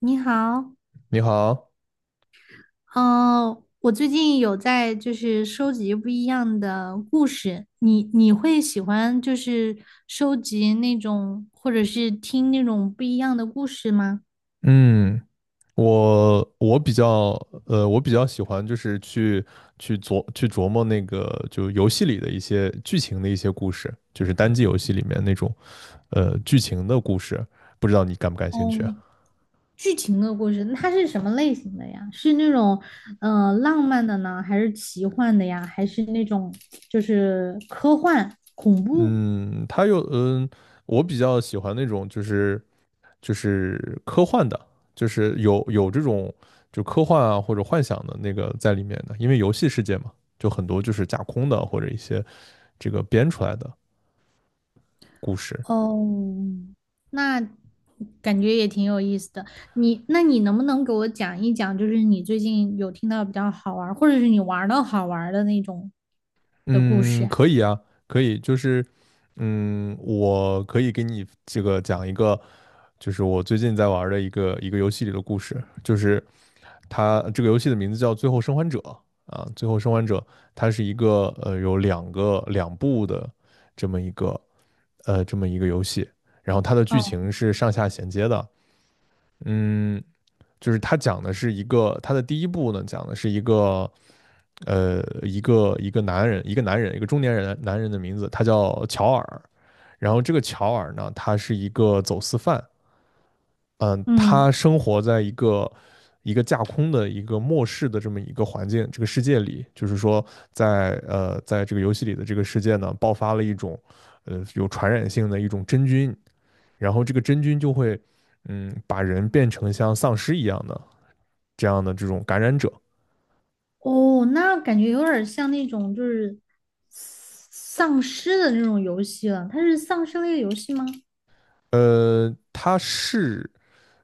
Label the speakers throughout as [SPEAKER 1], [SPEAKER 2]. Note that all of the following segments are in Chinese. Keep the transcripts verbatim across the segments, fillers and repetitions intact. [SPEAKER 1] 你好，
[SPEAKER 2] 你好。
[SPEAKER 1] 嗯、我最近有在就是收集不一样的故事，你你会喜欢就是收集那种或者是听那种不一样的故事吗？
[SPEAKER 2] 嗯，我我比较呃，我比较喜欢就是去去琢去琢磨那个就游戏里的一些剧情的一些故事，就是单机游戏里面那种呃剧情的故事，不知道你感不感兴趣啊？
[SPEAKER 1] 嗯，剧情的故事，那它是什么类型的呀？是那种呃浪漫的呢，还是奇幻的呀？还是那种就是科幻恐怖？
[SPEAKER 2] 嗯，它有嗯，我比较喜欢那种就是就是科幻的，就是有有这种就科幻啊或者幻想的那个在里面的，因为游戏世界嘛，就很多就是架空的或者一些这个编出来的。故事。
[SPEAKER 1] 哦，那感觉也挺有意思的。你，那你能不能给我讲一讲，就是你最近有听到比较好玩儿，或者是你玩的好玩儿的那种的故事
[SPEAKER 2] 嗯，
[SPEAKER 1] 呀？
[SPEAKER 2] 可以啊。可以，就是嗯，我可以给你这个讲一个，就是我最近在玩儿的一个一个游戏里的故事。就是它这个游戏的名字叫《最后生还者》啊，《最后生还者》它是一个呃有两个两部的这么一个呃这么一个游戏，然后它的剧
[SPEAKER 1] 哦，
[SPEAKER 2] 情是上下衔接的。嗯，就是它讲的是一个它的第一部呢讲的是一个呃，一个一个男人，一个男人，一个中年人男人的名字，他叫乔尔。然后这个乔尔呢，他是一个走私犯。嗯，
[SPEAKER 1] 嗯，
[SPEAKER 2] 他生活在一个一个架空的一个末世的这么一个环境，这个世界里。就是说在呃，在这个游戏里的这个世界呢，爆发了一种呃有传染性的一种真菌，然后这个真菌就会嗯把人变成像丧尸一样的这样的这种感染者。
[SPEAKER 1] 哦，那感觉有点儿像那种就是丧尸的那种游戏了。它是丧尸类游戏吗？
[SPEAKER 2] 呃，他是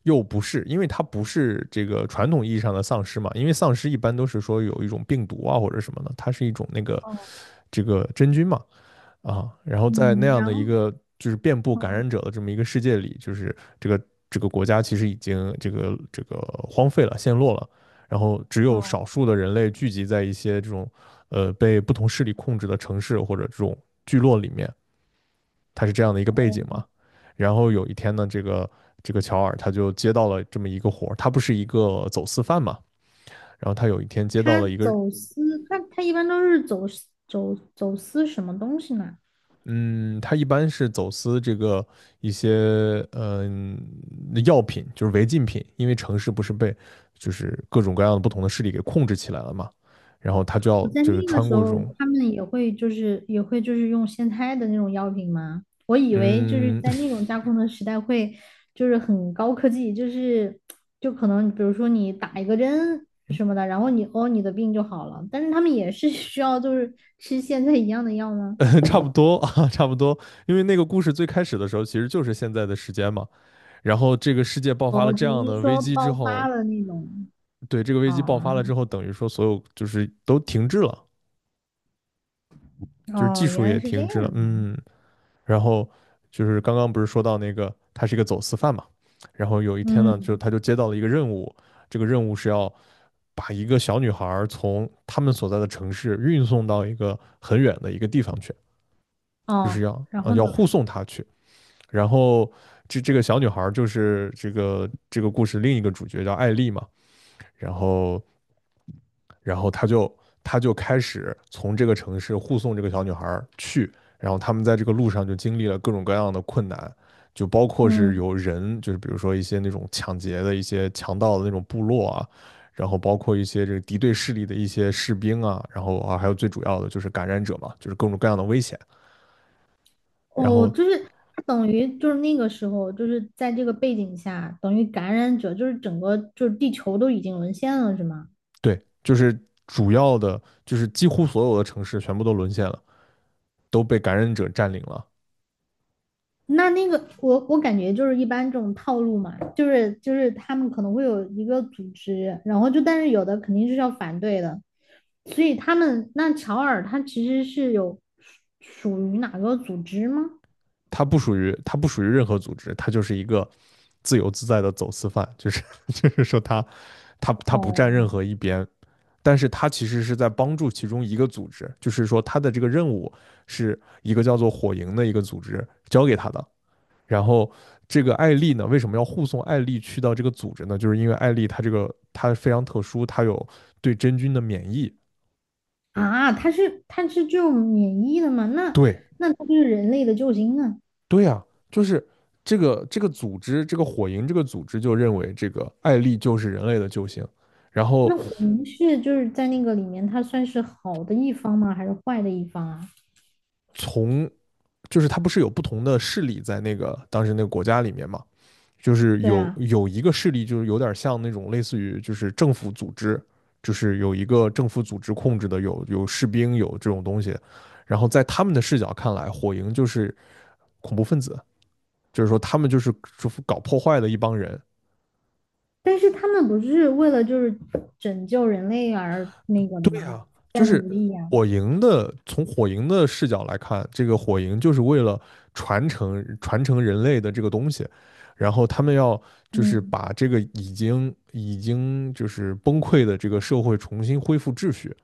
[SPEAKER 2] 又不是，因为它不是这个传统意义上的丧尸嘛，因为丧尸一般都是说有一种病毒啊或者什么的，它是一种那个
[SPEAKER 1] 哦，
[SPEAKER 2] 这个真菌嘛。啊，然后在那
[SPEAKER 1] 嗯，
[SPEAKER 2] 样
[SPEAKER 1] 然
[SPEAKER 2] 的
[SPEAKER 1] 后，
[SPEAKER 2] 一个就是遍布感
[SPEAKER 1] 嗯
[SPEAKER 2] 染者的这么一个世界里，就是这个这个国家其实已经这个这个荒废了、陷落了，然后只有
[SPEAKER 1] 哦，
[SPEAKER 2] 少数的人类聚集在一些这种呃被不同势力控制的城市或者这种聚落里面，他是这样的一个背景
[SPEAKER 1] 哦，
[SPEAKER 2] 嘛。然后有一天呢，这个这个乔尔他就接到了这么一个活他不是一个走私犯嘛，然后他有一天接到
[SPEAKER 1] 它
[SPEAKER 2] 了一个。
[SPEAKER 1] 走私，它它一般都是走私走走私什么东西呢？
[SPEAKER 2] 嗯，他一般是走私这个一些嗯呃药品，就是违禁品。因为城市不是被就是各种各样的不同的势力给控制起来了嘛，然后他就
[SPEAKER 1] 我
[SPEAKER 2] 要
[SPEAKER 1] 在
[SPEAKER 2] 就是
[SPEAKER 1] 那个
[SPEAKER 2] 穿
[SPEAKER 1] 时
[SPEAKER 2] 过这
[SPEAKER 1] 候，
[SPEAKER 2] 种。
[SPEAKER 1] 他们也会就是也会就是用现开的那种药品吗？我以为就是
[SPEAKER 2] 嗯，
[SPEAKER 1] 在那种架空的时代会就是很高科技，就是就可能比如说你打一个针什么的，然后你哦你的病就好了，但是他们也是 需要就是吃现在一样的药呢，
[SPEAKER 2] 差不多啊，差不多，因为那个故事最开始的时候其实就是现在的时间嘛，然后这个世界爆发了
[SPEAKER 1] 哦，
[SPEAKER 2] 这
[SPEAKER 1] 只
[SPEAKER 2] 样的
[SPEAKER 1] 是
[SPEAKER 2] 危
[SPEAKER 1] 说
[SPEAKER 2] 机之
[SPEAKER 1] 爆发
[SPEAKER 2] 后，
[SPEAKER 1] 了那种，
[SPEAKER 2] 对，这个危机爆发了
[SPEAKER 1] 哦
[SPEAKER 2] 之后，等于说所有就是都停滞了，就是技
[SPEAKER 1] 哦
[SPEAKER 2] 术
[SPEAKER 1] 原来
[SPEAKER 2] 也
[SPEAKER 1] 是这
[SPEAKER 2] 停
[SPEAKER 1] 样
[SPEAKER 2] 滞了。
[SPEAKER 1] 的，
[SPEAKER 2] 嗯，然后就是刚刚不是说到那个他是一个走私犯嘛，然后有一天呢，就
[SPEAKER 1] 嗯
[SPEAKER 2] 他就接到了一个任务，这个任务是要把一个小女孩儿从他们所在的城市运送到一个很远的一个地方去，就
[SPEAKER 1] 哦，
[SPEAKER 2] 是要
[SPEAKER 1] 然
[SPEAKER 2] 呃
[SPEAKER 1] 后
[SPEAKER 2] 要
[SPEAKER 1] 呢，
[SPEAKER 2] 护送她去，然后。这这个小女孩儿就是这个这个故事另一个主角叫艾丽嘛，然后然后他就他就开始从这个城市护送这个小女孩去，然后他们在这个路上就经历了各种各样的困难，就包括是
[SPEAKER 1] 嗯。
[SPEAKER 2] 有人，就是比如说一些那种抢劫的一些强盗的那种部落啊，然后包括一些这个敌对势力的一些士兵啊，然后啊还有最主要的就是感染者嘛，就是各种各样的危险，然
[SPEAKER 1] 哦，
[SPEAKER 2] 后
[SPEAKER 1] 就是他等于就是那个时候，就是在这个背景下，等于感染者就是整个就是地球都已经沦陷了，是吗？
[SPEAKER 2] 对，就是主要的就是几乎所有的城市全部都沦陷了，都被感染者占领了。
[SPEAKER 1] 那那个我我感觉就是一般这种套路嘛，就是就是他们可能会有一个组织，然后就但是有的肯定是要反对的，所以他们那乔尔他其实是有属属于哪个组织吗？
[SPEAKER 2] 他不属于他不属于任何组织，他就是一个自由自在的走私犯，就是 就是说他他他不站
[SPEAKER 1] 哦
[SPEAKER 2] 任何一边，但是他其实是在帮助其中一个组织，就是说他的这个任务是一个叫做火营的一个组织交给他的。然后这个艾丽呢，为什么要护送艾丽去到这个组织呢？就是因为艾丽她这个她非常特殊，她有对真菌的免疫。
[SPEAKER 1] 啊，他是他是这种免疫的吗？那
[SPEAKER 2] 对，
[SPEAKER 1] 那他就是人类的救星啊！
[SPEAKER 2] 对呀，就是这个这个组织，这个火营这个组织就认为这个艾丽就是人类的救星，然后
[SPEAKER 1] 那混是就是在那个里面，他算是好的一方吗？还是坏的一方啊？
[SPEAKER 2] 从就是它不是有不同的势力在那个当时那个国家里面嘛，就是
[SPEAKER 1] 对
[SPEAKER 2] 有
[SPEAKER 1] 啊，
[SPEAKER 2] 有一个势力就是有点像那种类似于就是政府组织，就是有一个政府组织控制的有有士兵有这种东西，然后在他们的视角看来，火营就是恐怖分子，就是说他们就是搞破坏的一帮人。
[SPEAKER 1] 但是他们不是为了就是拯救人类而那个的
[SPEAKER 2] 对
[SPEAKER 1] 吗？
[SPEAKER 2] 呀，就
[SPEAKER 1] 在
[SPEAKER 2] 是
[SPEAKER 1] 努力呀、
[SPEAKER 2] 火营的，从火营的视角来看，这个火营就是为了传承传承人类的这个东西，然后他们要就是
[SPEAKER 1] 嗯，
[SPEAKER 2] 把这个已经已经就是崩溃的这个社会重新恢复秩序，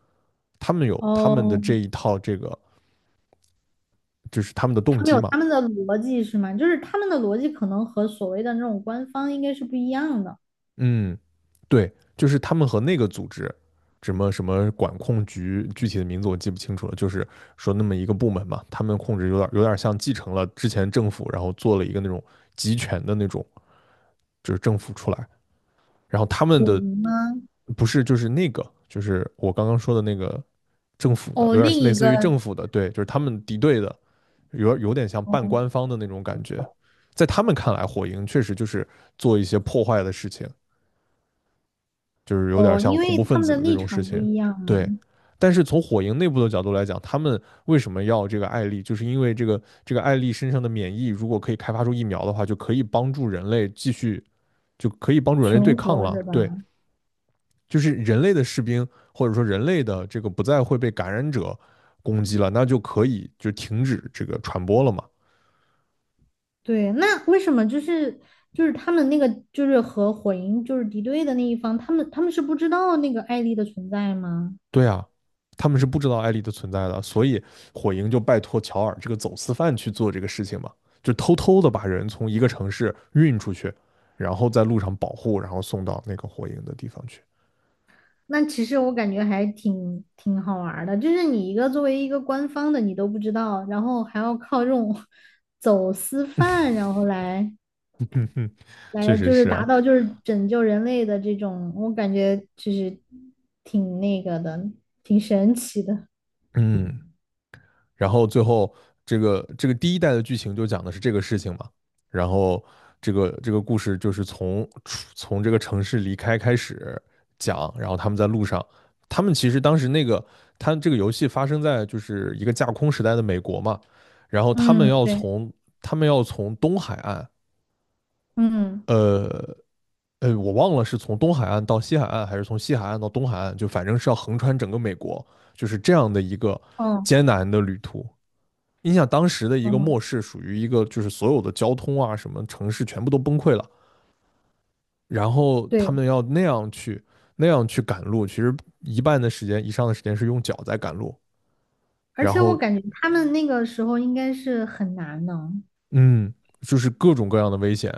[SPEAKER 2] 他们有他们的
[SPEAKER 1] 哦，
[SPEAKER 2] 这一套这个就是他们的动
[SPEAKER 1] 他们
[SPEAKER 2] 机
[SPEAKER 1] 有
[SPEAKER 2] 嘛。
[SPEAKER 1] 他们的逻辑是吗？就是他们的逻辑可能和所谓的那种官方应该是不一样的。
[SPEAKER 2] 嗯，对，就是他们和那个组织，什么什么管控局，具体的名字我记不清楚了，就是说那么一个部门嘛，他们控制有点有点像继承了之前政府，然后做了一个那种集权的那种，就是政府出来，然后他们
[SPEAKER 1] 混
[SPEAKER 2] 的
[SPEAKER 1] 吗？
[SPEAKER 2] 不是就是那个，就是我刚刚说的那个政府的，
[SPEAKER 1] 哦，
[SPEAKER 2] 有点
[SPEAKER 1] 另
[SPEAKER 2] 类
[SPEAKER 1] 一
[SPEAKER 2] 似
[SPEAKER 1] 个，
[SPEAKER 2] 于政府的，对，就是他们敌对的，有有点像半官
[SPEAKER 1] 哦
[SPEAKER 2] 方的那种感觉，在他们看来，火影确实就是做一些破坏的事情。就是有点
[SPEAKER 1] 哦，
[SPEAKER 2] 像
[SPEAKER 1] 因
[SPEAKER 2] 恐
[SPEAKER 1] 为
[SPEAKER 2] 怖
[SPEAKER 1] 他
[SPEAKER 2] 分
[SPEAKER 1] 们
[SPEAKER 2] 子
[SPEAKER 1] 的
[SPEAKER 2] 的那
[SPEAKER 1] 立
[SPEAKER 2] 种事
[SPEAKER 1] 场不
[SPEAKER 2] 情。
[SPEAKER 1] 一样嘛，
[SPEAKER 2] 对，但是从火影内部的角度来讲，他们为什么要这个艾丽，就是因为这个这个艾丽身上的免疫，如果可以开发出疫苗的话，就可以帮助人类继续，就可以帮助人类对
[SPEAKER 1] 存
[SPEAKER 2] 抗
[SPEAKER 1] 活
[SPEAKER 2] 了。
[SPEAKER 1] 是吧？
[SPEAKER 2] 对，就是人类的士兵或者说人类的这个不再会被感染者攻击了，那就可以就停止这个传播了嘛。
[SPEAKER 1] 对，那为什么就是就是他们那个就是和火影就是敌对的那一方，他们他们是不知道那个艾丽的存在吗？
[SPEAKER 2] 对啊，他们是不知道艾丽的存在的，所以火营就拜托乔尔这个走私犯去做这个事情嘛，就偷偷的把人从一个城市运出去，然后在路上保护，然后送到那个火营的地方去。
[SPEAKER 1] 那其实我感觉还挺挺好玩儿的，就是你一个作为一个官方的你都不知道，然后还要靠这种 走私贩，然后来
[SPEAKER 2] 嗯哼，确
[SPEAKER 1] 来
[SPEAKER 2] 实
[SPEAKER 1] 就是
[SPEAKER 2] 是
[SPEAKER 1] 达
[SPEAKER 2] 啊。
[SPEAKER 1] 到就是拯救人类的这种，我感觉就是挺那个的，挺神奇的。
[SPEAKER 2] 嗯，然后最后这个这个第一代的剧情就讲的是这个事情嘛，然后这个这个故事就是从从这个城市离开开始讲，然后他们在路上，他们其实当时那个他这个游戏发生在就是一个架空时代的美国嘛，然后他们
[SPEAKER 1] 嗯，
[SPEAKER 2] 要
[SPEAKER 1] 对，
[SPEAKER 2] 从他们要从东海岸，
[SPEAKER 1] 嗯，
[SPEAKER 2] 呃。呃，我忘了是从东海岸到西海岸，还是从西海岸到东海岸，就反正是要横穿整个美国，就是这样的一个
[SPEAKER 1] 哦，
[SPEAKER 2] 艰难的旅途。你想当时的一个末
[SPEAKER 1] 哦。
[SPEAKER 2] 世，属于一个就是所有的交通啊，什么城市全部都崩溃了，然后他
[SPEAKER 1] 对。
[SPEAKER 2] 们要那样去那样去赶路，其实一半的时间以上的时间是用脚在赶路，
[SPEAKER 1] 而
[SPEAKER 2] 然
[SPEAKER 1] 且我
[SPEAKER 2] 后
[SPEAKER 1] 感觉他们那个时候应该是很难呢。
[SPEAKER 2] 嗯，就是各种各样的危险，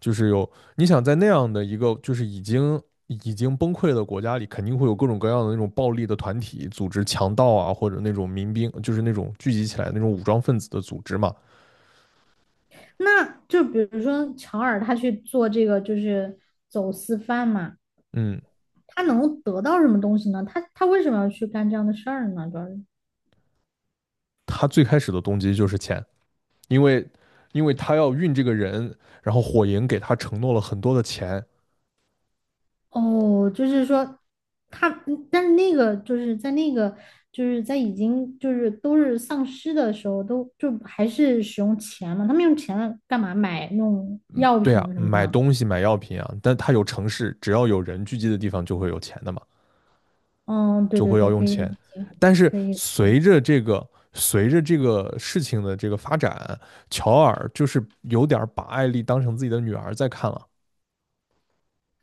[SPEAKER 2] 就是有你想在那样的一个就是已经已经崩溃的国家里，肯定会有各种各样的那种暴力的团体组织、强盗啊，或者那种民兵，就是那种聚集起来那种武装分子的组织嘛。
[SPEAKER 1] 那就比如说乔尔他去做这个就是走私贩嘛，
[SPEAKER 2] 嗯，
[SPEAKER 1] 他能得到什么东西呢？他他为什么要去干这样的事儿呢？主要是
[SPEAKER 2] 他最开始的动机就是钱。因为因为他要运这个人，然后火营给他承诺了很多的钱。
[SPEAKER 1] 哦，就是说他，嗯但是那个就是在那个就是在已经就是都是丧尸的时候，都就还是使用钱嘛，他们用钱干嘛买那种
[SPEAKER 2] 嗯，
[SPEAKER 1] 药
[SPEAKER 2] 对啊，
[SPEAKER 1] 品什么
[SPEAKER 2] 买
[SPEAKER 1] 的？
[SPEAKER 2] 东西买药品啊，但他有城市，只要有人聚集的地方就会有钱的嘛，
[SPEAKER 1] 嗯，对
[SPEAKER 2] 就
[SPEAKER 1] 对
[SPEAKER 2] 会要
[SPEAKER 1] 对，
[SPEAKER 2] 用
[SPEAKER 1] 可以理
[SPEAKER 2] 钱。
[SPEAKER 1] 解，
[SPEAKER 2] 但是
[SPEAKER 1] 可以。
[SPEAKER 2] 随着这个随着这个事情的这个发展，乔尔就是有点把艾丽当成自己的女儿在看了，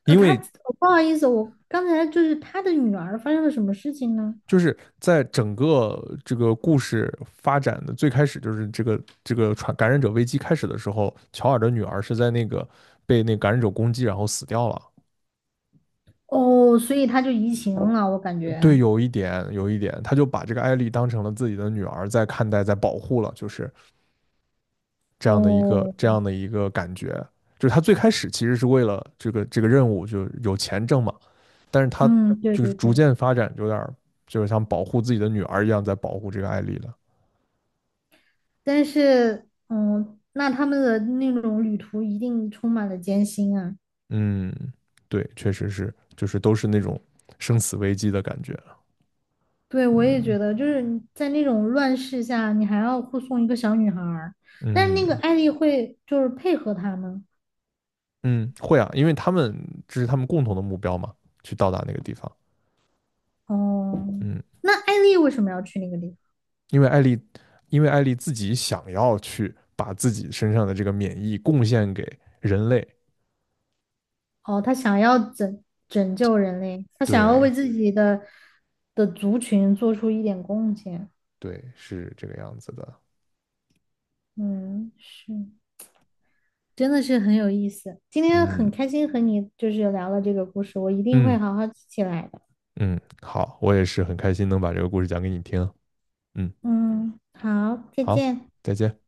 [SPEAKER 1] 呃，
[SPEAKER 2] 因
[SPEAKER 1] 他
[SPEAKER 2] 为
[SPEAKER 1] 不好意思，我刚才就是他的女儿发生了什么事情呢？
[SPEAKER 2] 就是在整个这个故事发展的最开始，就是这个这个传感染者危机开始的时候，乔尔的女儿是在那个被那感染者攻击，然后死掉了。
[SPEAKER 1] 哦，所以他就移情了，我感
[SPEAKER 2] 对，
[SPEAKER 1] 觉。
[SPEAKER 2] 有一点，有一点，他就把这个艾丽当成了自己的女儿在看待，在保护了，就是这样的一个
[SPEAKER 1] 哦，
[SPEAKER 2] 这样的一个感觉。就是他最开始其实是为了这个这个任务，就有钱挣嘛，但是他
[SPEAKER 1] 嗯，对
[SPEAKER 2] 就是
[SPEAKER 1] 对
[SPEAKER 2] 逐
[SPEAKER 1] 对，
[SPEAKER 2] 渐发展，有点就是像保护自己的女儿一样，在保护这个艾丽了。
[SPEAKER 1] 但是，嗯，那他们的那种旅途一定充满了艰辛啊。
[SPEAKER 2] 嗯，对，确实是，就是都是那种生死危机的感觉啊。
[SPEAKER 1] 对，我也
[SPEAKER 2] 嗯
[SPEAKER 1] 觉得，就是你在那种乱世下，你还要护送一个小女孩儿，但是那个
[SPEAKER 2] 嗯
[SPEAKER 1] 艾丽会就是配合他们。
[SPEAKER 2] 嗯，会啊，因为他们这是他们共同的目标嘛，去到达那个地方。
[SPEAKER 1] 哦，
[SPEAKER 2] 嗯，
[SPEAKER 1] 那艾丽为什么要去那个地方？
[SPEAKER 2] 因为艾丽，因为艾丽自己想要去把自己身上的这个免疫贡献给人类。
[SPEAKER 1] 哦，他想要拯拯救人类，他想要为
[SPEAKER 2] 对
[SPEAKER 1] 自己的的族群做出一点贡献。
[SPEAKER 2] 对，是这个样子的。
[SPEAKER 1] 嗯，是，真的是很有意思。今天
[SPEAKER 2] 嗯
[SPEAKER 1] 很开心和你就是聊了这个故事，我一定会
[SPEAKER 2] 嗯
[SPEAKER 1] 好好记起来的。
[SPEAKER 2] 嗯，好，我也是很开心能把这个故事讲给你听啊。嗯，
[SPEAKER 1] 嗯，好，再
[SPEAKER 2] 好，
[SPEAKER 1] 见。
[SPEAKER 2] 再见。